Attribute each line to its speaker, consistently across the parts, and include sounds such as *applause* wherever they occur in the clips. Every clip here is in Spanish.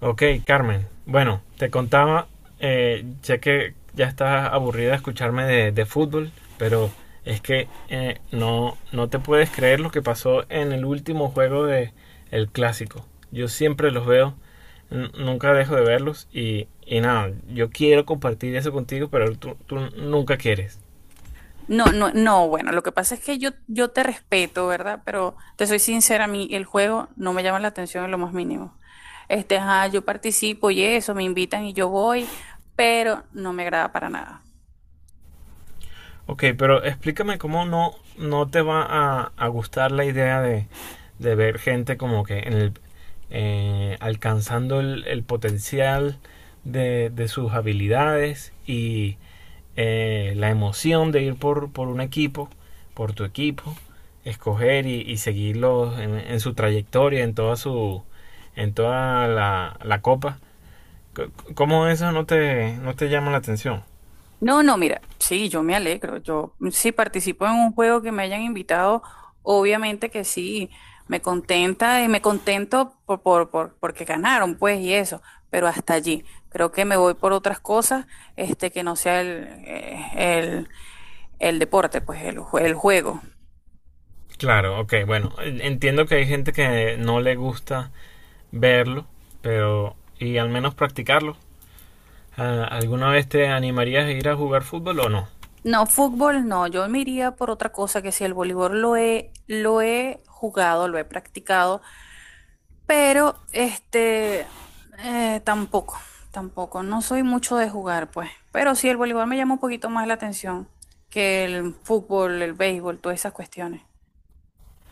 Speaker 1: Ok, Carmen. Bueno, te contaba, sé que ya estás aburrida de escucharme de fútbol, pero es que no te puedes creer lo que pasó en el último juego de el clásico. Yo siempre los veo, nunca dejo de verlos y nada, yo quiero compartir eso contigo, pero tú nunca quieres.
Speaker 2: No, no, no, bueno, lo que pasa es que yo te respeto, ¿verdad? Pero te soy sincera, a mí el juego no me llama la atención en lo más mínimo. Este, ajá, yo participo y eso, me invitan y yo voy, pero no me agrada para nada.
Speaker 1: Ok, pero explícame cómo no te va a gustar la idea de ver gente como que en el, alcanzando el potencial de sus habilidades y la emoción de ir por un equipo, por tu equipo, escoger y seguirlos en su trayectoria, en toda su en toda la copa. C- ¿Cómo eso no te llama la atención?
Speaker 2: No, no, mira, sí, yo me alegro. Yo si participo en un juego que me hayan invitado, obviamente que sí, me contenta y me contento porque ganaron, pues, y eso, pero hasta allí. Creo que me voy por otras cosas, este, que no sea el El deporte, pues el, el juego.
Speaker 1: Claro, ok, bueno, entiendo que hay gente que no le gusta verlo, pero y al menos practicarlo. Ah, ¿alguna vez te animarías a ir a jugar fútbol o no?
Speaker 2: No, fútbol no, yo me iría por otra cosa que si el voleibol lo he jugado, lo he practicado, pero este tampoco, tampoco, no soy mucho de jugar, pues. Pero sí, el voleibol me llama un poquito más la atención que el fútbol, el béisbol, todas esas cuestiones.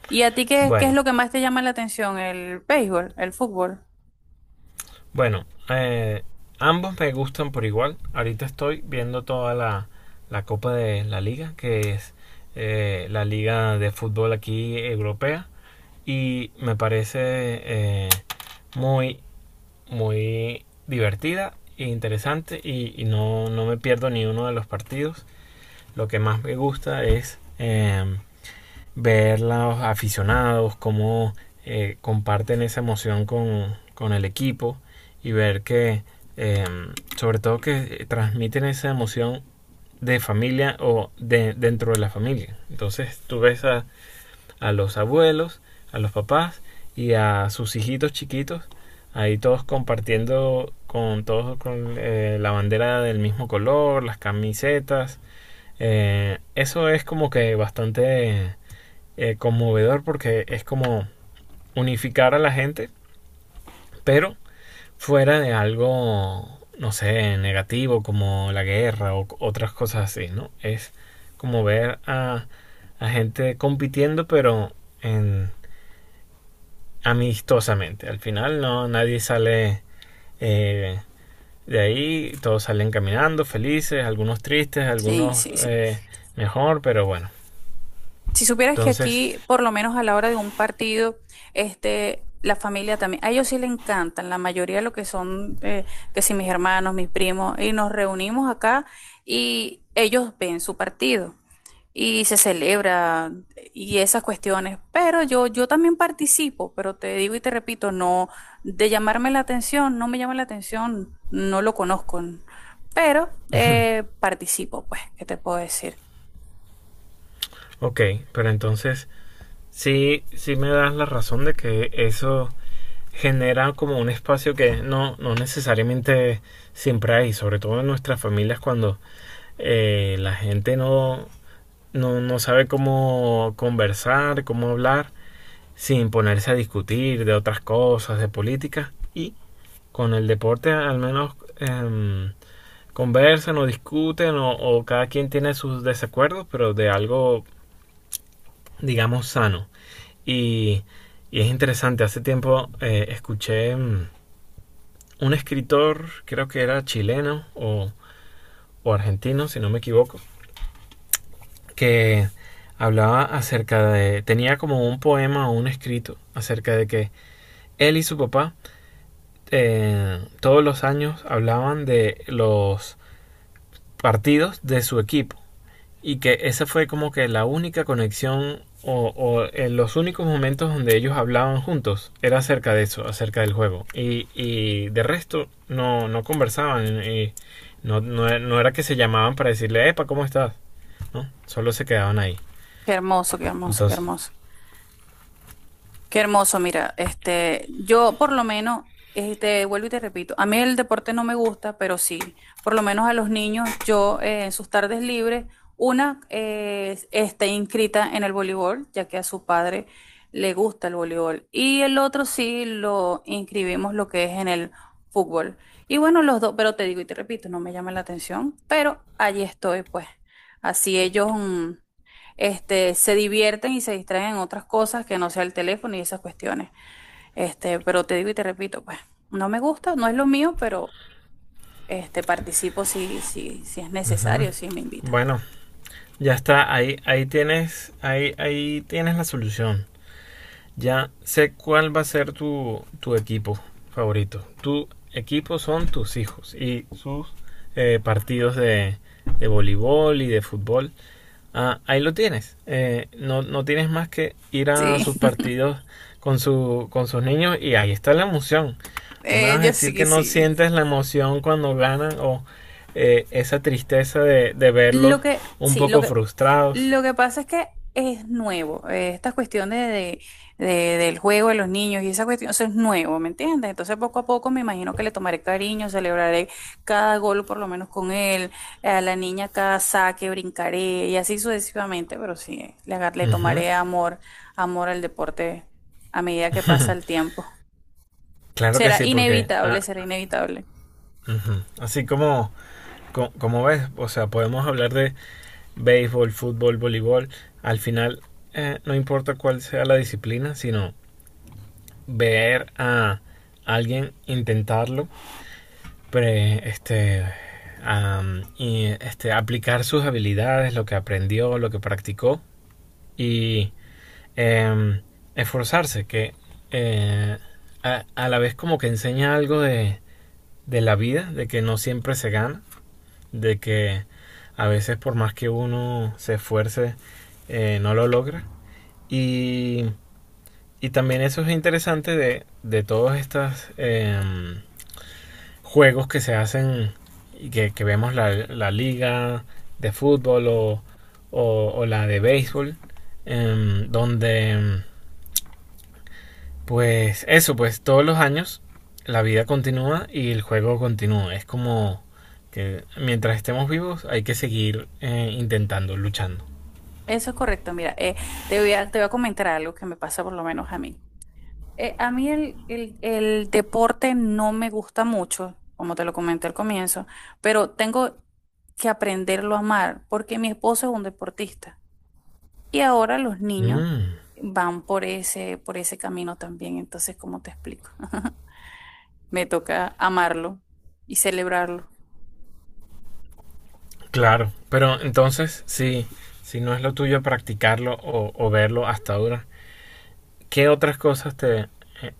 Speaker 2: ¿Y a ti qué es
Speaker 1: Bueno,
Speaker 2: lo que más te llama la atención? ¿El béisbol? ¿El fútbol?
Speaker 1: bueno, ambos me gustan por igual. Ahorita estoy viendo toda la Copa de la Liga, que es la liga de fútbol aquí europea, y me parece eh, muy muy divertida e interesante y no me pierdo ni uno de los partidos. Lo que más me gusta es ver los aficionados, cómo comparten esa emoción con el equipo y ver que, eh, sobre todo, que transmiten esa emoción de familia o de, dentro de la familia. Entonces tú ves a los abuelos, a los papás y a sus hijitos chiquitos, ahí todos compartiendo con todos con la bandera del mismo color, las camisetas. Eso es como que bastante conmovedor porque es como unificar a la gente, pero fuera de algo, no sé, negativo como la guerra o otras cosas así, ¿no? Es como ver a gente compitiendo pero en amistosamente. Al final no nadie sale eh, de ahí, todos salen caminando, felices, algunos tristes,
Speaker 2: Sí,
Speaker 1: algunos
Speaker 2: sí, sí.
Speaker 1: mejor, pero bueno.
Speaker 2: Si supieras que
Speaker 1: Entonces,
Speaker 2: aquí, por lo menos a la hora de un partido, este, la familia también, a ellos sí le encantan, la mayoría de lo que son, que si mis hermanos, mis primos, y nos reunimos acá y ellos ven su partido y se celebra y esas cuestiones. Pero yo también participo, pero te digo y te repito, no, de llamarme la atención, no me llama la atención, no lo conozco, pero participo, pues, ¿qué te puedo decir?
Speaker 1: ok, pero entonces sí me das la razón de que eso genera como un espacio que no necesariamente siempre hay, sobre todo en nuestras familias cuando la gente no sabe cómo conversar, cómo hablar sin ponerse a discutir de otras cosas, de política. Y con el deporte al menos conversan o discuten o cada quien tiene sus desacuerdos, pero de algo, digamos, sano. Y, y es interesante, hace tiempo escuché un escritor, creo que era chileno o argentino, si no me equivoco, que hablaba acerca de, tenía como un poema o un escrito acerca de que él y su papá todos los años hablaban de los partidos de su equipo y que esa fue como que la única conexión o en los únicos momentos donde ellos hablaban juntos era acerca de eso, acerca del juego. Y de resto no conversaban y no era que se llamaban para decirle, Epa, ¿cómo estás? ¿No? Solo se quedaban ahí.
Speaker 2: Qué hermoso, qué hermoso, qué
Speaker 1: Entonces,
Speaker 2: hermoso. Qué hermoso, mira, este, yo por lo menos, este, vuelvo y te repito, a mí el deporte no me gusta, pero sí, por lo menos a los niños, yo en sus tardes libres, una está inscrita en el voleibol, ya que a su padre le gusta el voleibol, y el otro sí lo inscribimos lo que es en el fútbol. Y bueno, los dos, pero te digo y te repito, no me llama la atención, pero allí estoy, pues, así ellos, mm, este, se divierten y se distraen en otras cosas que no sea el teléfono y esas cuestiones. Este, pero te digo y te repito, pues, no me gusta, no es lo mío, pero este, participo si es
Speaker 1: uh-huh.
Speaker 2: necesario, si me invitan.
Speaker 1: Bueno, ya está, ahí tienes la solución. Ya sé cuál va a ser tu equipo favorito. Tu equipo son tus hijos y sus partidos de voleibol y de fútbol. Ah, ahí lo tienes. No tienes más que ir a
Speaker 2: Sí,
Speaker 1: sus partidos con, su, con sus niños y ahí está la emoción.
Speaker 2: *laughs*
Speaker 1: No me vas a
Speaker 2: yo
Speaker 1: decir
Speaker 2: sí,
Speaker 1: que no
Speaker 2: sí.
Speaker 1: sientes la emoción cuando ganan o esa tristeza de verlos
Speaker 2: Lo que,
Speaker 1: un
Speaker 2: sí, lo
Speaker 1: poco
Speaker 2: que,
Speaker 1: frustrados.
Speaker 2: lo que pasa es que es nuevo. Esta cuestión de, del juego de los niños y esa cuestión, eso es nuevo, ¿me entiendes? Entonces poco a poco me imagino que le tomaré cariño, celebraré cada gol por lo menos con él, a la niña cada saque, brincaré y así sucesivamente, pero sí, le, le
Speaker 1: Ujú.
Speaker 2: tomaré amor, amor al deporte a medida que pasa el tiempo.
Speaker 1: Claro que
Speaker 2: Será
Speaker 1: sí, porque
Speaker 2: inevitable,
Speaker 1: ah,
Speaker 2: será inevitable.
Speaker 1: ujú. Así como como ves, o sea, podemos hablar de béisbol, fútbol, voleibol. Al final, no importa cuál sea la disciplina, sino ver a alguien intentarlo, pre- este, aplicar sus habilidades, lo que aprendió, lo que practicó y em, esforzarse, que eh, a la vez como que enseña algo de la vida, de que no siempre se gana de que a veces por más que uno se esfuerce, no lo logra. Y, y también eso es interesante de todos estos juegos que se hacen y que vemos la liga de fútbol o la de béisbol, em, donde em, pues eso, pues todos los años la vida continúa y el juego continúa. Es como que mientras estemos vivos hay que seguir intentando, luchando.
Speaker 2: Eso es correcto, mira, te voy a comentar algo que me pasa por lo menos a mí. A mí el deporte no me gusta mucho, como te lo comenté al comienzo, pero tengo que aprenderlo a amar porque mi esposo es un deportista y ahora los niños
Speaker 1: Mm,
Speaker 2: van por ese camino también. Entonces, ¿cómo te explico? *laughs* Me toca amarlo y celebrarlo.
Speaker 1: claro, pero entonces si, si no es lo tuyo practicarlo o verlo hasta ahora, ¿qué otras cosas te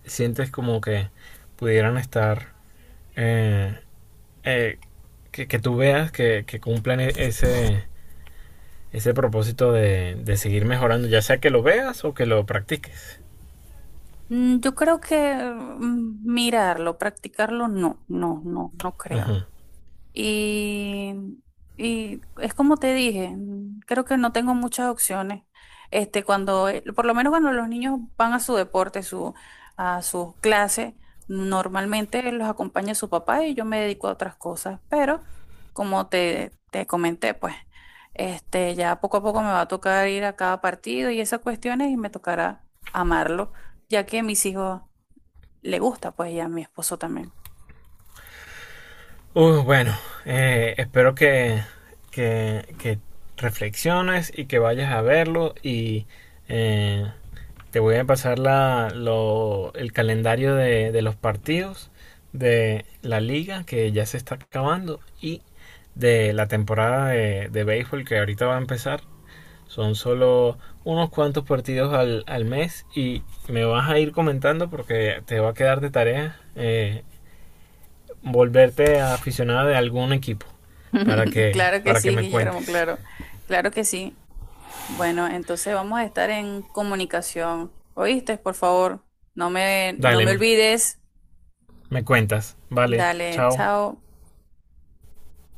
Speaker 1: sientes como que pudieran estar, eh, eh, que tú veas que cumplan ese, ese propósito de seguir mejorando, ya sea que lo veas o que lo practiques.
Speaker 2: Mm, yo creo que, mm, mirarlo, practicarlo, no, no, no, no creo.
Speaker 1: Ajá.
Speaker 2: Y, y es como te dije, mm, creo que no tengo muchas opciones. Este, cuando, por lo menos cuando los niños van a su deporte, su, a sus clases, normalmente los acompaña su papá y yo me dedico a otras cosas. Pero, como te comenté, pues, este, ya poco a poco me va a tocar ir a cada partido y esas cuestiones y me tocará amarlo, ya que a mis hijos le gusta, pues, y a mi esposo también.
Speaker 1: Bueno, espero que reflexiones y que vayas a verlo y eh, te voy a pasar la, lo, el calendario de los partidos de la liga que ya se está acabando y de la temporada de béisbol que ahorita va a empezar. Son solo unos cuantos partidos al mes y me vas a ir comentando porque te va a quedar de tarea volverte aficionada de algún equipo
Speaker 2: *laughs* Claro que
Speaker 1: para que
Speaker 2: sí,
Speaker 1: me
Speaker 2: Guillermo,
Speaker 1: cuentes.
Speaker 2: claro, claro que sí. Bueno, entonces vamos a estar en comunicación. ¿Oíste? Por favor, no me
Speaker 1: Dale,
Speaker 2: olvides.
Speaker 1: me cuentas. Vale,
Speaker 2: Dale,
Speaker 1: chao.
Speaker 2: chao.